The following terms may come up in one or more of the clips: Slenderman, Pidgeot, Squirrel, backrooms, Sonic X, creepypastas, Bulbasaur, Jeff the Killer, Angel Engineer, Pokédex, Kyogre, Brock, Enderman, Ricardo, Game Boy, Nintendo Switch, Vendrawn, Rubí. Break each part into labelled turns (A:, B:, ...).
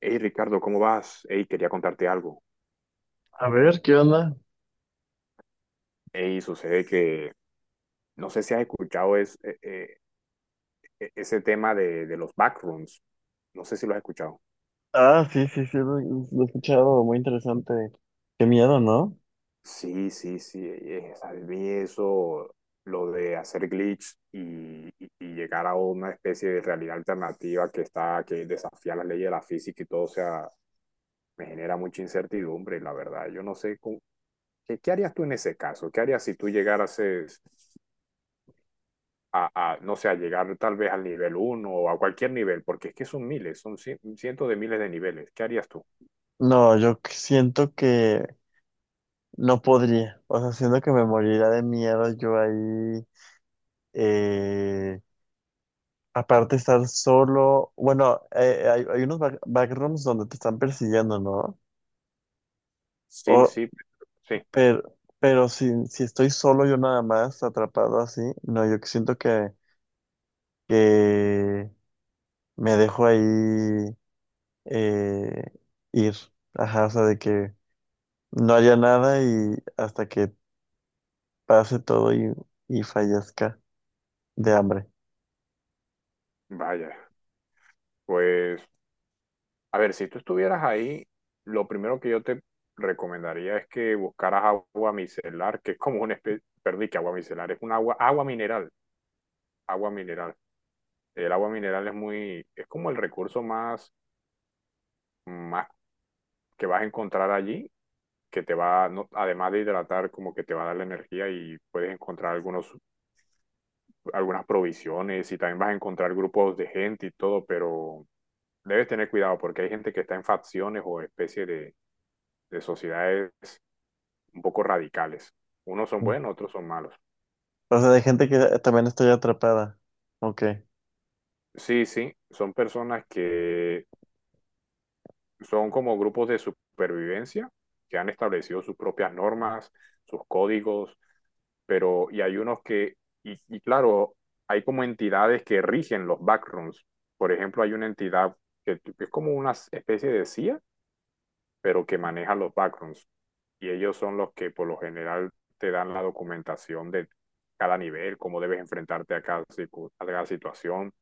A: Hey Ricardo, ¿cómo vas? Hey, quería contarte algo.
B: A ver, ¿qué onda?
A: Hey, sucede que no sé si has escuchado ese tema de los backrooms. No sé si lo has escuchado.
B: Ah, sí, sí, sí, lo he escuchado, muy interesante. Qué miedo, ¿no?
A: Sí, sí, sí. Vi eso, lo de hacer glitch y llegar a una especie de realidad alternativa que está, que desafía las leyes de la física y todo, o sea, me genera mucha incertidumbre, la verdad. Yo no sé ¿qué harías tú en ese caso? ¿Qué harías si tú llegaras a, no sé, a llegar tal vez al nivel 1 o a cualquier nivel, porque es que son miles, son cientos de miles de niveles. ¿Qué harías tú?
B: No, siento que no podría, o sea, siento que me moriría de miedo yo ahí, eh, aparte estar solo, bueno, hay unos backrooms donde te están persiguiendo, ¿no?
A: Sí,
B: O,
A: sí, sí,
B: pero si estoy solo yo nada más, atrapado así, no, yo siento que me dejo ahí eh, ir. Ajá, o sea, de que no haya nada y hasta que pase todo y fallezca de hambre.
A: vaya. Pues, a ver, si tú estuvieras ahí, lo primero que yo te recomendaría es que buscaras agua micelar, que es como una especie, perdí que agua micelar, es un agua, agua mineral, agua mineral. El agua mineral es muy, es como el recurso más, más que vas a encontrar allí que te va, además de hidratar, como que te va a dar la energía y puedes encontrar algunos algunas provisiones y también vas a encontrar grupos de gente y todo, pero debes tener cuidado porque hay gente que está en facciones o especies de sociedades un poco radicales. Unos son buenos, otros son malos.
B: O sea, de gente que también estoy atrapada. Ok.
A: Sí, sí, son personas que son como grupos de supervivencia que han establecido sus propias normas, sus códigos, pero y hay unos que, y claro, hay como entidades que rigen los backrooms. Por ejemplo, hay una entidad que es como una especie de CIA pero que maneja los backgrounds. Y ellos son los que por lo general te dan la documentación de cada nivel, cómo debes enfrentarte a a cada situación.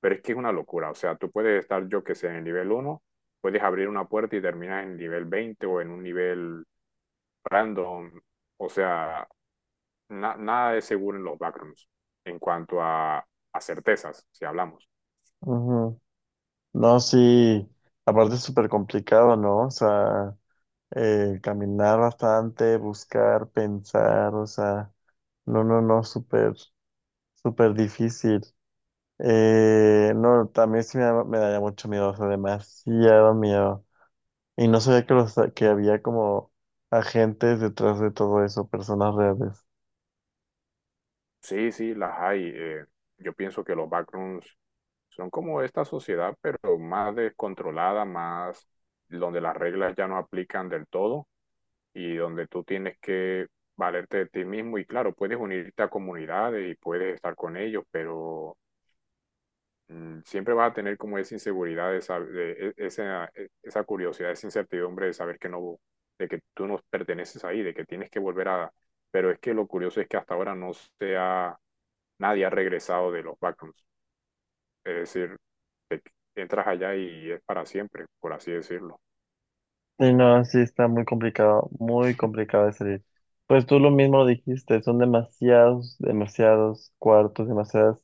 A: Pero es que es una locura. O sea, tú puedes estar, yo que sé, en el nivel 1, puedes abrir una puerta y terminas en el nivel 20 o en un nivel random. O sea, na nada es seguro en los backgrounds en cuanto a certezas, si hablamos.
B: Ujú. No, sí. Aparte es súper complicado, ¿no? O sea, caminar bastante, buscar, pensar, o sea, no, no, no, súper, súper difícil. No, también sí me daría mucho miedo, o sea, demasiado miedo. Y no sabía que, los, que había como agentes detrás de todo eso, personas reales.
A: Sí, sí, las hay. Yo pienso que los backrooms son como esta sociedad, pero más descontrolada, más donde las reglas ya no aplican del todo y donde tú tienes que valerte de ti mismo. Y claro, puedes unirte a comunidades y puedes estar con ellos, pero siempre vas a tener como esa inseguridad, de esa, esa curiosidad, esa incertidumbre de saber que no, de que tú no perteneces ahí, de que tienes que volver a... Pero es que lo curioso es que hasta ahora no sea nadie ha regresado de los backrooms. Es decir, te- entras allá y es para siempre, por así decirlo.
B: Y no, sí está muy complicado de salir. Pues tú lo mismo dijiste, son demasiados, demasiados cuartos, demasiadas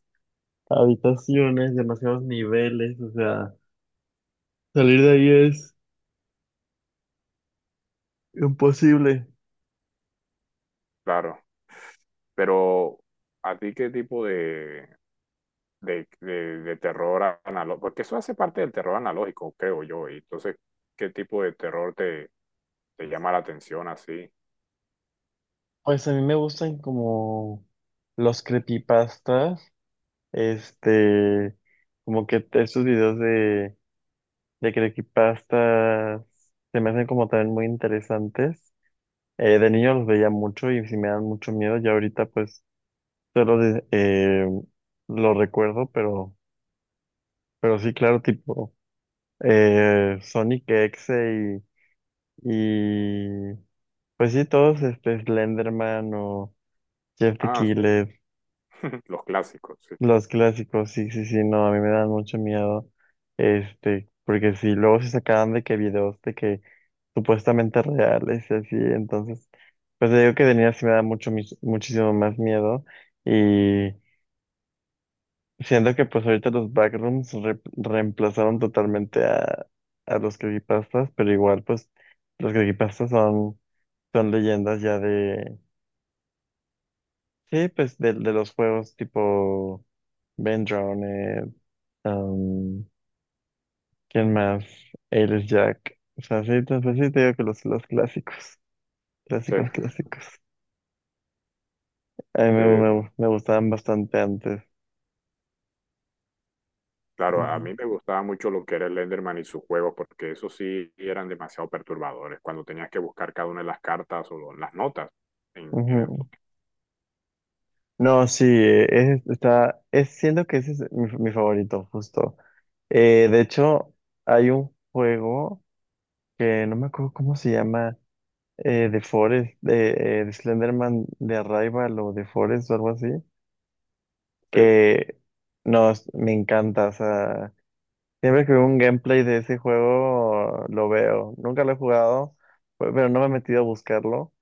B: habitaciones, demasiados niveles, o sea, salir de ahí es imposible.
A: Claro. Pero, ¿a ti qué tipo de terror analógico? Porque eso hace parte del terror analógico, creo yo. Y entonces, ¿qué tipo de terror te llama la atención así?
B: Pues a mí me gustan como los creepypastas, este, como que esos videos de creepypastas se me hacen como también muy interesantes. De niño los veía mucho y sí me dan mucho miedo. Ya ahorita pues solo de- eh, lo recuerdo, pero sí, claro, tipo Sonic X y pues sí, todos este Slenderman o Jeff the
A: Ah, sí.
B: Killer.
A: Los clásicos, sí.
B: Los clásicos, sí, sí, sí, no, a mí me dan mucho miedo, este, porque si luego se sacaban de que videos de que supuestamente reales y así, entonces, pues te digo que de niña sí me da mucho, muchísimo más miedo y siento que pues ahorita los backrooms reemplazaron totalmente a los creepypastas, pero igual pues los creepypastas son, son leyendas ya de, sí, pues de los juegos tipo Vendrawn, ¿Quién más? Eres Jack. O sea, sí, te, pues sí te digo que los clásicos.
A: Sí,
B: Clásicos, clásicos. A mí
A: sí,
B: me gustaban bastante antes.
A: claro, a
B: Ujú,
A: mí me gustaba mucho lo que era el Enderman y sus juegos, porque esos sí eran demasiado perturbadores, cuando tenías que buscar cada una de las cartas o las notas en el...
B: ujú. No, sí, es, está, es, siento que ese es mi, mi favorito, justo. De hecho, hay un juego que no me acuerdo cómo se llama, de Forest, de Slenderman, de Arrival o de Forest o algo así,
A: Sí,
B: que, no, me encanta, o sea. Siempre que veo un gameplay de ese juego, lo veo. Nunca lo he jugado, pero no me he metido a buscarlo.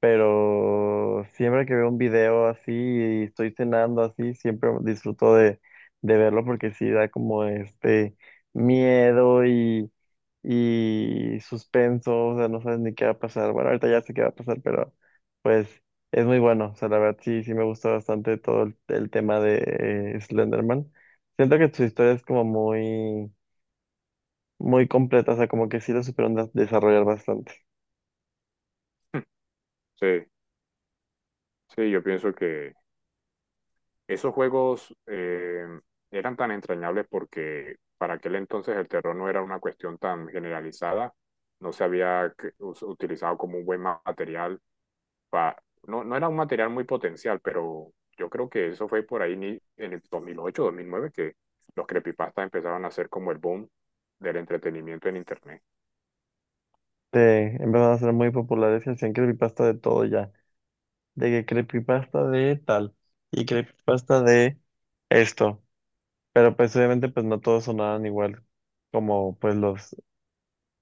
B: Pero siempre que veo un video así y estoy cenando así, siempre disfruto de verlo porque sí da como este miedo y suspenso, o sea, no sabes ni qué va a pasar. Bueno, ahorita ya sé qué va a pasar, pero pues es muy bueno. O sea, la verdad sí, sí me gusta bastante todo el tema de Slenderman. Siento que su historia es como muy muy completa, o sea, como que sí lo supieron desarrollar bastante.
A: sí, sí, yo pienso que esos juegos eran tan entrañables porque para aquel entonces el terror no era una cuestión tan generalizada, no se había utilizado como un buen material pa- no, no era un material muy potencial, pero yo creo que eso fue por ahí en el 2008 2009 que los creepypastas empezaron a ser como el boom del entretenimiento en Internet.
B: Te empezaron a ser muy populares y hacían creepypasta de todo ya. De que creepypasta de tal y creepypasta de esto. Pero pues obviamente pues no todos sonaban igual como pues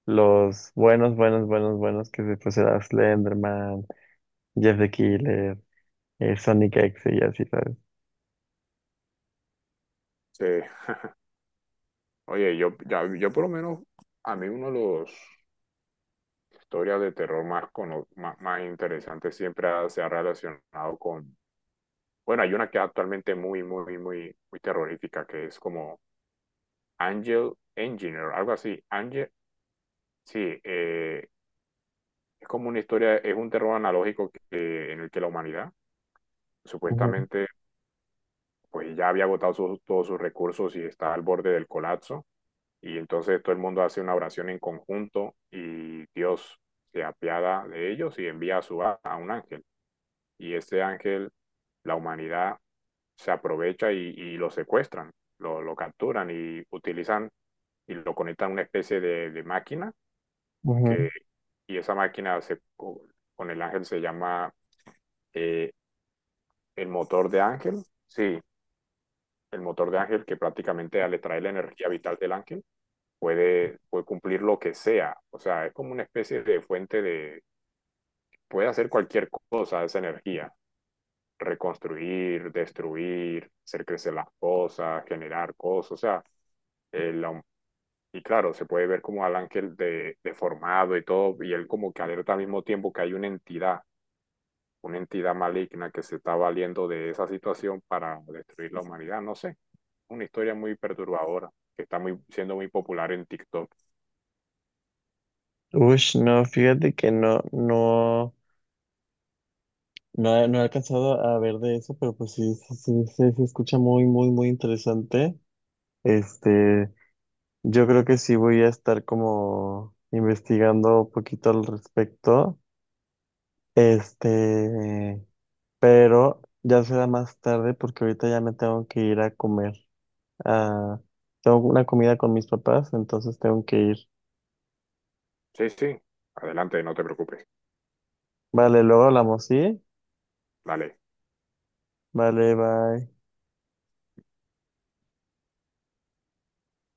B: los buenos, buenos, buenos, buenos que se pues era Slenderman, Jeff the Killer, Sonic X y así, ¿sabes?
A: Sí. Oye, yo por lo menos, a mí uno de los historias de terror más, más, más interesantes siempre se ha relacionado con, bueno, hay una que es actualmente muy, muy, muy, muy terrorífica, que es como Angel Engineer, algo así. Angel, sí, es como una historia, es un terror analógico que, en el que la humanidad
B: Ujú,
A: supuestamente pues ya había agotado sus, todos sus recursos y está al borde del colapso. Y entonces todo el mundo hace una oración en conjunto y Dios se apiada de ellos y envía a, su, a un ángel. Y este ángel, la humanidad se aprovecha y lo secuestran, capturan y utilizan y lo conectan a una especie de máquina que,
B: ujú.
A: y esa máquina se, con el ángel se llama eh, el motor de Ángel, sí, el motor de Ángel que prácticamente le trae la energía vital del Ángel, puede cumplir lo que sea. O sea, es como una especie de fuente de, puede hacer cualquier cosa esa energía, reconstruir, destruir, hacer crecer las cosas, generar cosas, o sea, el, y claro, se puede ver como al ángel de, deformado y todo, y él como que alerta al mismo tiempo que hay una entidad maligna que se está valiendo de esa situación para destruir la humanidad, no sé. Una historia muy perturbadora que está muy, siendo muy popular en TikTok.
B: Ush, no, fíjate que no, no. No, no he alcanzado a ver de eso, pero pues sí, sí, sí, sí, se escucha muy, muy, muy interesante. Este, yo creo que sí voy a estar como investigando un poquito al respecto. Este, pero ya será más tarde porque ahorita ya me tengo que ir a comer. Ah, tengo una comida con mis papás, entonces tengo que ir.
A: Sí, sí, adelante, no te preocupes.
B: Vale, luego hablamos, ¿sí?
A: Dale.
B: Vale, bye.